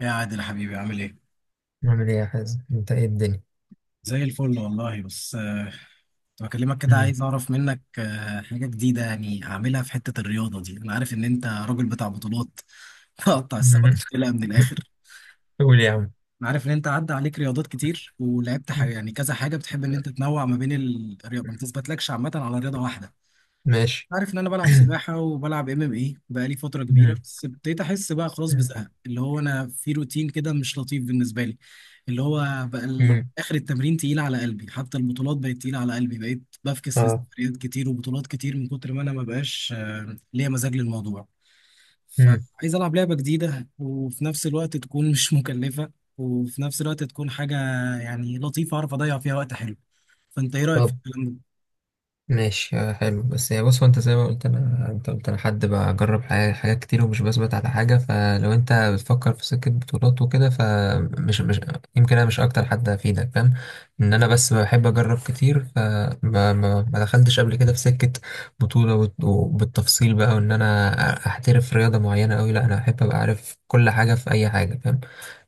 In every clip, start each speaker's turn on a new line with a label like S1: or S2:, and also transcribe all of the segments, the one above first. S1: يا عادل حبيبي عامل ايه؟
S2: نعمل ايه يا حازم؟ انت ايه الدنيا؟
S1: زي الفل والله. بس كنت بكلمك كده
S2: مم.
S1: عايز اعرف منك حاجة جديدة يعني اعملها في حتة الرياضة دي، انا عارف ان انت راجل بتاع بطولات. تقطع السمكة
S2: مم.
S1: وتقلها من الاخر.
S2: قول يا عم.
S1: انا عارف ان انت عدى عليك رياضات كتير ولعبت حاجة
S2: مم.
S1: يعني كذا حاجة، بتحب ان انت تنوع ما بين الرياضة، ما بتثبتلكش عامة على رياضة واحدة.
S2: ماشي.
S1: عارف ان انا بلعب سباحة وبلعب ام ام اي بقالي فترة كبيرة،
S2: مم.
S1: بس ابتديت احس بقى خلاص بزهق، اللي هو انا في روتين كده مش لطيف بالنسبة لي. اللي هو بقى
S2: مم.
S1: اخر التمرين تقيل على قلبي، حتى البطولات بقت تقيله على قلبي، بقيت بفكس
S2: اه.
S1: لسفريات كتير وبطولات كتير من كتر ما انا ما بقاش ليا مزاج للموضوع.
S2: مم.
S1: فعايز العب لعبه جديده، وفي نفس الوقت تكون مش مكلفه، وفي نفس الوقت تكون حاجه يعني لطيفه اعرف اضيع فيها وقت حلو. فانت ايه رايك في
S2: طب،
S1: الكلام ده؟
S2: ماشي، حلو. بس يعني بص، هو انت زي ما قلت انا، انت قلت انا حد بجرب حاجات كتير ومش بثبت على حاجه. فلو انت بتفكر في سكه بطولات وكده فمش مش يمكن انا مش اكتر حد افيدك، فاهم؟ ان انا بس بحب اجرب كتير، فما ما ما دخلتش قبل كده في سكه بطوله وبالتفصيل بقى، وان انا احترف رياضه معينه قوي. لا، انا احب ابقى عارف كل حاجه في اي حاجه، فاهم؟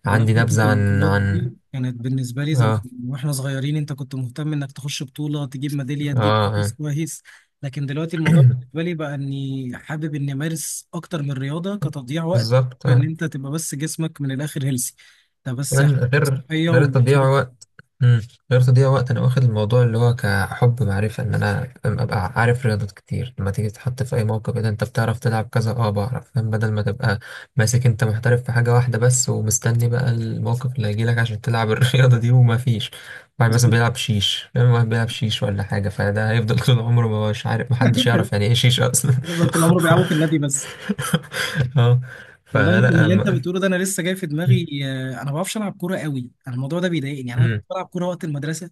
S1: والله
S2: عندي
S1: حتة
S2: نبذه عن
S1: البطولات دي كانت بالنسبة لي زمان
S2: اه
S1: واحنا صغيرين، انت كنت مهتم انك تخش بطولة تجيب ميدالية
S2: اه،
S1: تجيب مركز
S2: آه.
S1: كويس. لكن دلوقتي الموضوع بالنسبة لي بقى اني حابب اني امارس اكتر من رياضة كتضييع وقت،
S2: بالظبط،
S1: ان
S2: آه.
S1: انت تبقى بس جسمك من الاخر هيلسي. ده بس
S2: كمان غير
S1: صحية
S2: غير
S1: وظبط.
S2: التضييع. امم. رياضة دي وقت، انا واخد الموضوع اللي هو كحب معرفة، ان انا فاهم، ابقى عارف رياضات كتير. لما تيجي تتحط في اي موقف إيه ده؟ انت بتعرف تلعب كذا، بعرف، فاهم؟ بدل ما تبقى ماسك انت محترف في حاجة واحدة بس، ومستني بقى الموقف اللي هيجيلك عشان تلعب الرياضة دي. وما فيش واحد مثلا
S1: بالظبط.
S2: بيلعب شيش، فاهم؟ واحد بيلعب شيش ولا حاجة، فده هيفضل طول عمره ما مش عارف. محدش يعرف يعني ايه شيش اصلا.
S1: تفضل طول عمره بيلعبوا في النادي بس.
S2: اه.
S1: والله انت
S2: فلا،
S1: من اللي انت بتقوله ده، انا لسه جاي في دماغي انا ما بعرفش العب كوره قوي، انا الموضوع ده بيضايقني. يعني انا كنت
S2: امم،
S1: بلعب كوره وقت المدرسه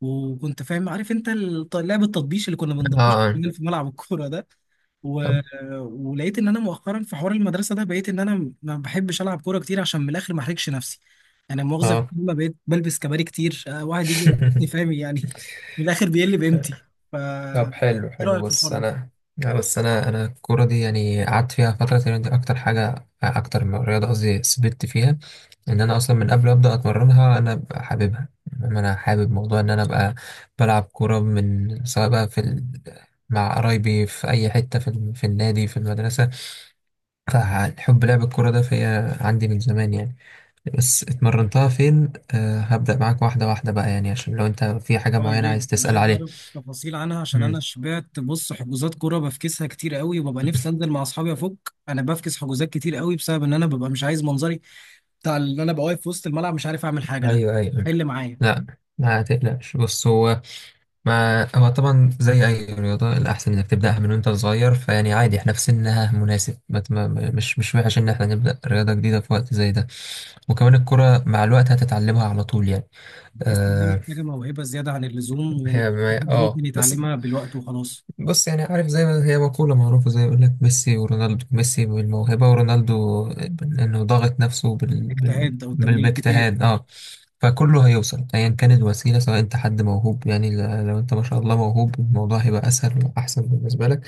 S1: وكنت فاهم عارف انت لعب التطبيش اللي كنا
S2: اه،
S1: بنضبش
S2: آه.
S1: في ملعب الكوره ده و...
S2: طب،
S1: ولقيت ان انا مؤخرا في حوار المدرسه ده، بقيت ان انا ما بحبش العب كوره كتير عشان من الاخر ما احرجش نفسي. انا مؤاخذه في
S2: اه.
S1: الكلمه، بقيت بلبس كباري كتير، واحد يجي يلاقيني فاهم يعني من الاخر بيقل بقيمتي. ف
S2: طب حلو،
S1: ايه
S2: حلو،
S1: رايك في الحوار
S2: بص
S1: ده؟
S2: انا. لا بس انا، انا الكوره دي يعني قعدت فيها فتره، تقريبا دي اكتر حاجه، اكتر من رياضه قصدي سبت فيها. ان انا اصلا من قبل ما ابدا اتمرنها انا أبقى حاببها. إنما انا حابب موضوع ان انا ابقى بلعب كوره، من سواء بقى في ال... مع قرايبي، في اي حته، في ال... في النادي، في المدرسه. فحب لعب الكوره ده فيا عندي من زمان يعني. بس اتمرنتها فين؟ أه، هبدا معاك واحده واحده بقى، يعني عشان لو انت في حاجه
S1: اه يا
S2: معينه
S1: ريت،
S2: عايز
S1: انا
S2: تسال
S1: عايز
S2: عليها.
S1: اعرف تفاصيل عنها عشان
S2: مم.
S1: انا شبعت. بص، حجوزات كوره بفكسها كتير قوي وببقى نفسي انزل مع اصحابي افك. انا بفكس حجوزات كتير قوي بسبب ان انا ببقى مش عايز منظري بتاع ان انا ببقى واقف في وسط الملعب مش عارف اعمل حاجه. ده
S2: ايوه، ايوه.
S1: حل معايا.
S2: لا، ما تقلقش، بص هو، ما هو طبعا زي اي رياضه الاحسن انك تبداها من وانت صغير. فيعني عادي احنا في سنها مناسب، ما ت- ما- مش، مش وحش ان احنا نبدا رياضه جديده في وقت زي ده. وكمان الكره مع الوقت هتتعلمها على طول يعني.
S1: بحس انها
S2: اه.
S1: محتاجه موهبه زياده عن اللزوم، وإن حد ممكن
S2: بس.
S1: يتعلمها بالوقت وخلاص.
S2: بص يعني، عارف زي ما هي مقولة معروفة، زي يقول لك ميسي ورونالدو، ميسي بالموهبة ورونالدو إنه ضاغط نفسه بال... بال...
S1: اجتهاد او
S2: بال...
S1: تمرين كتير.
S2: باجتهاد، اه. فكله هيوصل أيا كانت الوسيلة. سواء أنت حد موهوب يعني، لو أنت ما شاء الله موهوب الموضوع هيبقى أسهل وأحسن بالنسبة لك.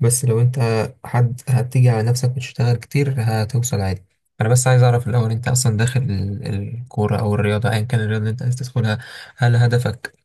S2: بس لو أنت حد هتيجي على نفسك وتشتغل كتير، هتوصل عادي. أنا بس عايز أعرف الأول، أنت أصلا داخل الكورة أو الرياضة أيا كان الرياضة اللي أنت عايز تدخلها، هل هدفك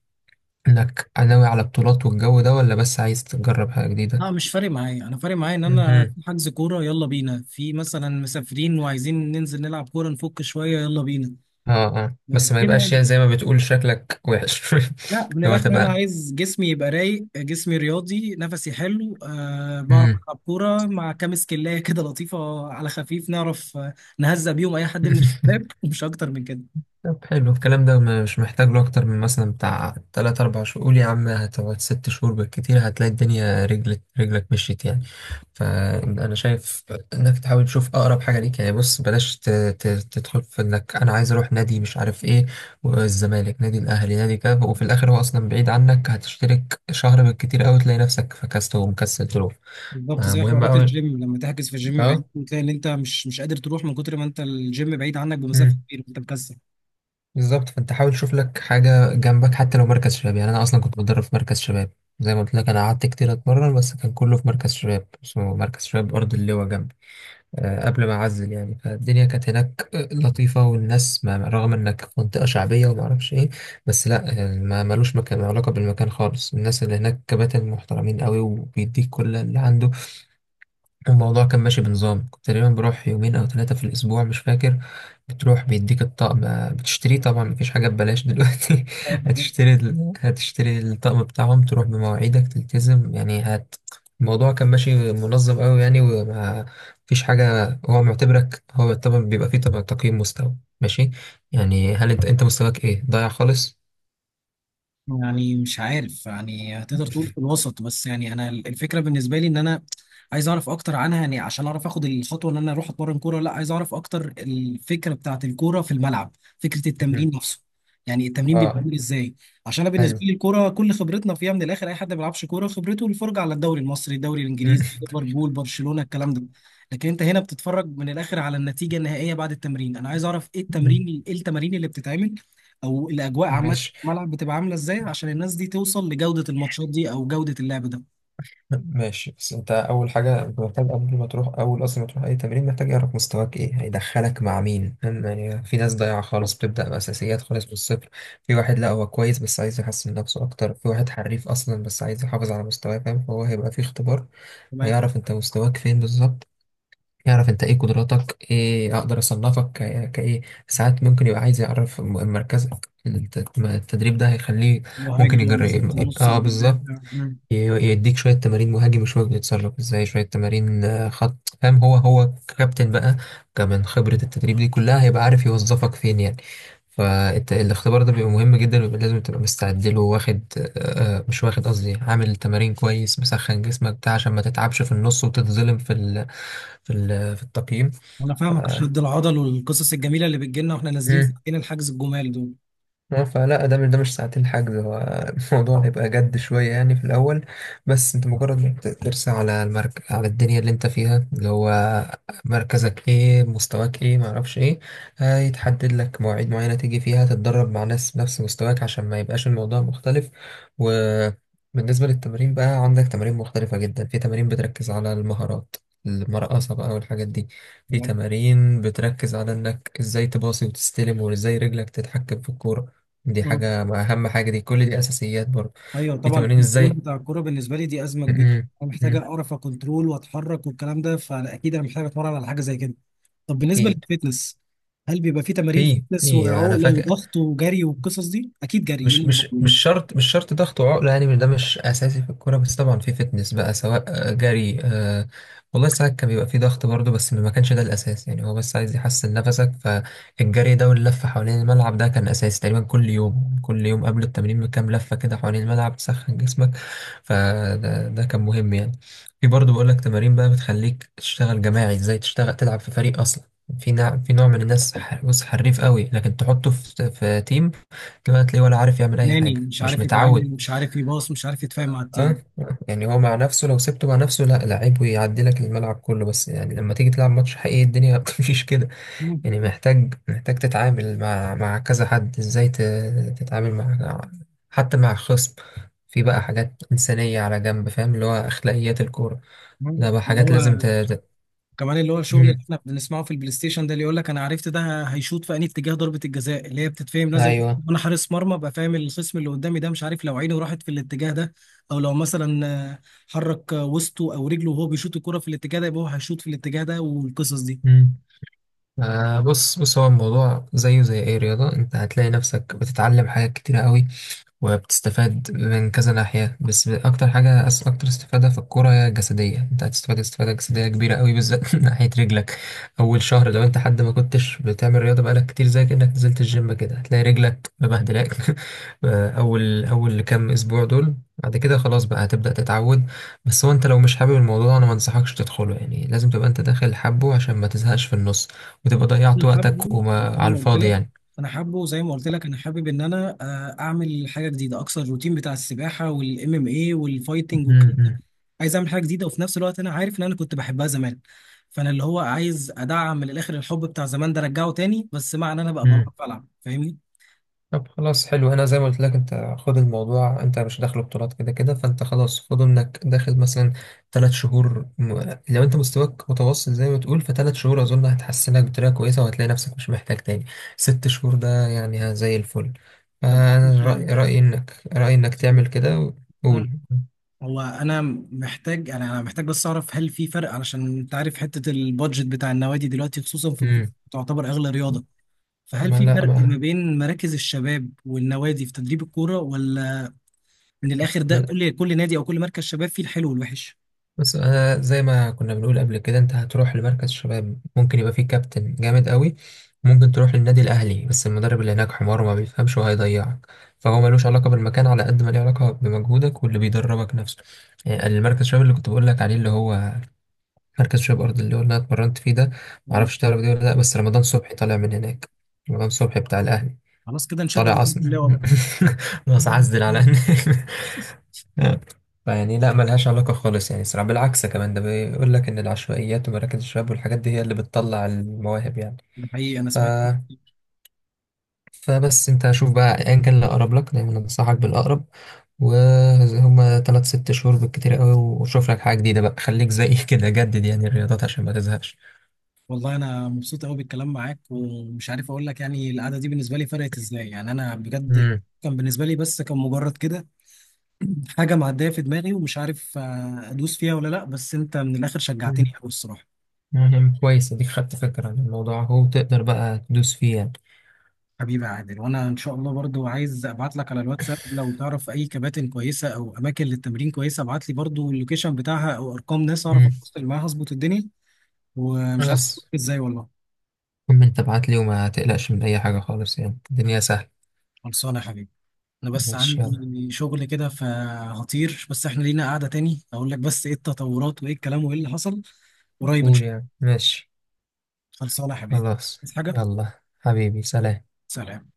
S2: انك ناوي على بطولات والجو ده، ولا بس عايز تجرب حاجة جديدة؟
S1: لا، مش فارق معايا. انا فارق معايا ان انا
S2: مهم.
S1: في حجز كوره يلا بينا، في مثلا مسافرين وعايزين ننزل نلعب كوره نفك شويه، يلا بينا
S2: اه، اه. بس ما
S1: كده
S2: يبقاش
S1: يعني.
S2: يعني زي ما بتقول شكلك وحش
S1: لا من
S2: لو
S1: الاخر، انا
S2: هتبقى.
S1: عايز جسمي يبقى رايق، جسمي رياضي، نفسي حلو، أه بعرف
S2: مم.
S1: العب كوره مع كام سكلايه كده لطيفه على خفيف، نعرف نهزق بيهم اي حد من الشباب ومش اكتر من كده.
S2: طب حلو، الكلام ده مش محتاج له اكتر من مثلا بتاع تلات اربع شهور. قول يا عم هتقعد ست شهور بالكتير، هتلاقي الدنيا رجلك، رجلك مشيت يعني. فانا شايف انك تحاول تشوف اقرب حاجه ليك، يعني بص بلاش تدخل في انك انا عايز اروح نادي مش عارف ايه، والزمالك نادي، الاهلي نادي، كذا، وفي الاخر هو اصلا بعيد عنك، هتشترك شهر بالكتير قوي، تلاقي نفسك فكست ومكسل تروح.
S1: بالظبط
S2: آه،
S1: زي
S2: مهم
S1: حوارات
S2: قوي.
S1: الجيم لما تحجز في الجيم بعيد
S2: اه.
S1: وتلاقي ان انت مش قادر تروح من كتر ما انت الجيم بعيد عنك بمسافه
S2: امم.
S1: كبيره انت مكسل.
S2: بالظبط، فانت حاول تشوف لك حاجه جنبك، حتى لو مركز شباب. يعني انا اصلا كنت بتدرب في مركز شباب، زي ما قلت لك. انا قعدت كتير اتمرن، بس كان كله في مركز شباب اسمه مركز شباب ارض اللواء جنبي، قبل ما أعزل يعني. فالدنيا كانت هناك لطيفة، والناس، ما رغم إنك في منطقة شعبية وما أعرفش إيه، بس لأ ما ملوش مكان، ما علاقة بالمكان خالص. الناس اللي هناك كباتن محترمين قوي، وبيديك كل اللي عنده. الموضوع كان ماشي بنظام، كنت تقريبا بروح يومين او ثلاثة في الاسبوع، مش فاكر. بتروح بيديك الطقم، بتشتريه طبعا، مفيش حاجة ببلاش دلوقتي. هتشتري الطقم بتاعهم، تروح بمواعيدك، تلتزم يعني، هت... الموضوع كان ماشي منظم قوي يعني، وما فيش حاجة. هو معتبرك، هو طبعا بيبقى فيه طبعا تقييم مستوى ماشي. يعني هل انت، انت مستواك ايه؟ ضايع خالص؟
S1: يعني مش عارف، يعني هتقدر تقول في الوسط. بس يعني انا الفكره بالنسبه لي ان انا عايز اعرف اكتر عنها يعني عشان اعرف اخد الخطوه ان انا اروح اتمرن كوره ولا لا. عايز اعرف اكتر الفكره بتاعت الكوره في الملعب، فكره
S2: مم.
S1: التمرين نفسه. يعني التمرين بيبقى
S2: اه،
S1: عامل ازاي؟ عشان انا بالنسبه
S2: حلو.
S1: لي الكوره كل خبرتنا فيها من الاخر، اي حد ما بيلعبش كوره خبرته الفرجه على الدوري المصري، الدوري الانجليزي، ليفربول، برشلونه، الكلام ده. لكن انت هنا بتتفرج من الاخر على النتيجه النهائيه بعد التمرين. انا عايز اعرف ايه
S2: مم.
S1: التمرين، ايه التمارين اللي بتتعمل، او الاجواء عامه
S2: ماشي،
S1: الملعب بتبقى عامله ازاي عشان الناس دي توصل لجوده الماتشات دي او جوده اللعب ده.
S2: ماشي. بس انت اول حاجه انت محتاج قبل ما تروح، اول اصلا ما تروح اي تمرين، محتاج يعرف مستواك ايه، هيدخلك مع مين، فاهم يعني؟ في ناس ضايعه خالص، بتبدا باساسيات خالص من الصفر. في واحد لا هو كويس بس عايز يحسن نفسه اكتر. في واحد حريف اصلا بس عايز يحافظ على مستواه، فاهم؟ فهو هيبقى في اختبار،
S1: تمام.
S2: هيعرف انت مستواك فين بالظبط، يعرف انت ايه قدراتك، ايه اقدر اصنفك كايه. ساعات ممكن يبقى عايز يعرف مركزك، التدريب ده هيخليه. ممكن
S1: مهاجم ولا خط
S2: يجرب،
S1: نص ولا
S2: اه بالظبط،
S1: مدافع. مم.
S2: يديك شوية تمارين مهاجم وشوية بيتصرف ازاي، شوية تمارين خط، فاهم؟ هو هو كابتن بقى. كمان خبرة التدريب دي كلها هيبقى عارف يوظفك فين يعني. فالاختبار ده بيبقى مهم جدا، ويبقى لازم تبقى مستعد له، واخد آه، آه، مش واخد، قصدي عامل تمارين كويس، مسخن جسمك بتاع، عشان ما تتعبش في النص وتتظلم في ال، في ال، في التقييم.
S1: انا
S2: ف...
S1: فاهمك، شد العضل والقصص الجميله اللي بتجيلنا واحنا نازلين
S2: مم.
S1: ساعتين الحجز، الجمال دول.
S2: اه. فلا ده مش، ده مش ساعتين حجز هو. الموضوع هيبقى جد شوية يعني في الأول. بس انت مجرد ما ترسى على على الدنيا اللي انت فيها، اللي هو مركزك ايه، مستواك ايه، معرفش ايه، هيتحدد لك مواعيد معينة تيجي فيها تتدرب مع ناس نفس مستواك، عشان ما يبقاش الموضوع مختلف. وبالنسبة للتمارين بقى، عندك تمارين مختلفة جدا. في تمارين بتركز على المهارات المرقصة بقى والحاجات دي. في
S1: تمام.
S2: تمارين بتركز على انك ازاي تباصي وتستلم، وازاي رجلك تتحكم في الكورة. دي
S1: مم.
S2: حاجة، ما أهم حاجة، دي كل دي أساسيات برضه.
S1: ايوه
S2: في
S1: طبعا،
S2: تمارين
S1: الكنترول
S2: إزاي
S1: بتاع الكوره بالنسبه لي دي ازمه
S2: م-
S1: كبيره.
S2: م-
S1: انا محتاج
S2: م.
S1: اعرف اكنترول واتحرك والكلام ده، فاكيد انا محتاج اتمرن على حاجه زي كده. طب بالنسبه
S2: أكيد.
S1: للفتنس، هل بيبقى في تمارين
S2: في
S1: فتنس
S2: في أنا
S1: وعقله
S2: فاكر،
S1: وضغط وجري والقصص دي؟ اكيد جري، ايه
S2: مش
S1: اللي
S2: مش مش
S1: موجود؟
S2: شرط، مش شرط ضغط وعقله يعني، ده مش اساسي في الكوره. بس طبعا في فتنس بقى، سواء جري، آه. والله ساعات كان بيبقى في ضغط برضه، بس ما كانش ده الاساس يعني، هو بس عايز يحسن نفسك. فالجري ده واللفه حوالين الملعب ده كان اساسي تقريبا كل يوم، كل يوم قبل التمرين بكام لفه كده حوالين الملعب تسخن جسمك. فده، ده كان مهم يعني. في برضه بقول لك تمارين بقى بتخليك تشتغل جماعي، ازاي تشتغل تلعب في فريق اصلا. في نوع من الناس، بص حريف قوي، لكن تحطه في، في تيم كده هتلاقيه ولا عارف يعمل اي
S1: ناني
S2: حاجه،
S1: مش
S2: مش
S1: عارف يتعامل،
S2: متعود.
S1: مش عارف يباص، مش عارف يتفاهم مع
S2: اه،
S1: التيم.
S2: آه. يعني هو مع نفسه، لو سبته مع نفسه لا لعيب ويعدي لك الملعب كله، بس يعني لما تيجي تلعب ماتش حقيقي الدنيا ما بتمشيش كده.
S1: مم.
S2: يعني محتاج تتعامل مع، مع كذا حد، ازاي تتعامل مع حتى مع خصم. في بقى حاجات إنسانية على جنب، فاهم؟ اللي هو أخلاقيات الكورة.
S1: مم.
S2: ده بقى
S1: اللي
S2: حاجات لازم ت...
S1: هو
S2: ت...
S1: كمان اللي هو الشغل اللي
S2: مم.
S1: احنا بنسمعه في البلاي ستيشن ده، اللي يقول لك انا عرفت ده هيشوط في انهي اتجاه. ضربة الجزاء اللي هي بتتفهم، لازم
S2: أيوه.
S1: انا حارس مرمى ابقى فاهم الخصم اللي قدامي ده، مش عارف لو عينه راحت في الاتجاه ده، او لو مثلا آه، حرك وسطه او رجله وهو بيشوط الكرة في الاتجاه ده، يبقى هو هيشوط في الاتجاه ده، والقصص دي.
S2: مم. آه، بص، بص هو الموضوع زيه زي أي رياضة. أنت هتلاقي نفسك بتتعلم حاجات كتيرة قوي، وبتستفاد من كذا ناحية. بس أكتر حاجة، أكتر استفادة في الكورة هي الجسدية. أنت هتستفاد استفادة جسدية كبيرة قوي، بالذات من ناحية رجلك. أول شهر لو أنت حد ما كنتش بتعمل رياضة بقالك كتير، زي كأنك نزلت الجيم كده، هتلاقي رجلك مبهدلاك. أول كام أسبوع دول، بعد كده خلاص بقى هتبدأ تتعود. بس هو أنت لو مش حابب الموضوع أنا ما أنصحكش تدخله، يعني لازم تبقى أنت داخل حبه عشان ما تزهقش في النص، وتبقى
S1: انا
S2: ضيعت
S1: حابه
S2: وقتك
S1: زي
S2: وما على
S1: ما قلت
S2: الفاضي
S1: لك،
S2: يعني.
S1: انا حابه زي ما قلت لك، انا حابب ان انا اعمل حاجه جديده، اكسر الروتين بتاع السباحه والام ام اي والفايتنج
S2: م-
S1: والكلام ده.
S2: م-
S1: عايز اعمل حاجه جديده، وفي نفس الوقت انا عارف ان انا كنت بحبها زمان. فانا اللي هو عايز ادعم من الاخر الحب بتاع زمان ده، ارجعه تاني، بس مع ان انا بقى
S2: م.
S1: بعرف العب، فاهمني؟
S2: طب خلاص، حلو. انا زي ما قلت لك انت خد الموضوع انت مش داخل بطولات كده كده، فانت خلاص خد انك داخل مثلا ثلاث شهور. لو انت مستواك متوسط زي ما تقول، فثلاث شهور اظن هتحسنك بطريقه كويسه، وهتلاقي نفسك مش محتاج تاني ست شهور ده، يعني ها زي الفل.
S1: طب
S2: فانا
S1: سؤال-
S2: رأي، رأيي انك
S1: سؤال.
S2: تعمل كده.
S1: مم.
S2: وقول.
S1: هو انا محتاج، يعني انا محتاج بس اعرف هل في فرق، علشان انت عارف حته البادجت بتاع النوادي دلوقتي خصوصا في الكورة
S2: امم.
S1: تعتبر اغلى رياضه. فهل
S2: ما
S1: في
S2: لا،
S1: فرق ما بين مراكز الشباب والنوادي في تدريب الكورة، ولا من الآخر ده
S2: ما
S1: كل نادي أو كل مركز شباب فيه الحلو والوحش؟
S2: بس انا زي ما كنا بنقول قبل كده، انت هتروح لمركز شباب ممكن يبقى فيه كابتن جامد قوي، ممكن تروح للنادي الاهلي بس المدرب اللي هناك حمار وما بيفهمش وهيضيعك. فهو ملوش علاقه بالمكان على قد ما له علاقه بمجهودك واللي بيدربك نفسه. يعني المركز شباب اللي كنت بقول لك عليه اللي هو مركز شباب ارض، اللي هو اللي انا اتمرنت فيه ده،
S1: آه.
S2: معرفش تعرف ده ولا لا، بس رمضان صبحي طالع من هناك. رمضان صبحي بتاع الاهلي،
S1: خلاص كده نشد على
S2: طالع
S1: قلب
S2: اصلا.
S1: اللاوة بقى.
S2: بس عزل على هناك. فيعني لا ملهاش علاقة خالص يعني الصراحة. بالعكس كمان ده بيقول لك إن العشوائيات ومراكز الشباب والحاجات دي هي اللي بتطلع المواهب يعني.
S1: ده حقيقي، أنا
S2: ف...
S1: سمعت.
S2: فبس أنت شوف بقى أيا كان اللي أقرب لك، دايما أنصحك بالأقرب. وهما تلات ست شهور بالكتير قوي، وشوف لك حاجة جديدة بقى، خليك زي كده جدد يعني الرياضات عشان ما تزهقش.
S1: والله أنا مبسوط قوي بالكلام معاك، ومش عارف أقول لك يعني القعدة دي بالنسبة لي فرقت إزاي يعني. أنا بجد
S2: امم.
S1: كان بالنسبة لي بس كان مجرد كده حاجة معدية في دماغي، ومش عارف أدوس فيها ولا لأ، بس أنت من الآخر شجعتني قوي الصراحة.
S2: يعني كويس، اديك خدت فكرة عن الموضوع اهو، وتقدر بقى تدوس فيه يعني.
S1: حبيبي يا عادل، وانا ان شاء الله برضو عايز ابعت لك على الواتساب لو تعرف اي كباتن كويسه او اماكن للتمرين كويسه، ابعت لي برضو اللوكيشن بتاعها او ارقام ناس اعرف
S2: امم.
S1: اتواصل معاها اظبط الدنيا. ومش عارف أشوفك
S2: بس
S1: ازاي والله.
S2: المهم انت ابعت لي وما تقلقش من اي حاجة خالص، يعني الدنيا سهلة.
S1: خلصانه يا حبيبي. انا بس
S2: ماشي، يلا.
S1: عندي شغل كده فهطير، بس احنا لينا قعده تاني اقول لك بس ايه التطورات وايه الكلام وايه اللي حصل. قريب ان
S2: قول
S1: شاء الله.
S2: يعني، ماشي.
S1: خلصانه يا حبيبي.
S2: خلاص.
S1: عايز حاجه؟
S2: يلا حبيبي، سلام.
S1: سلام.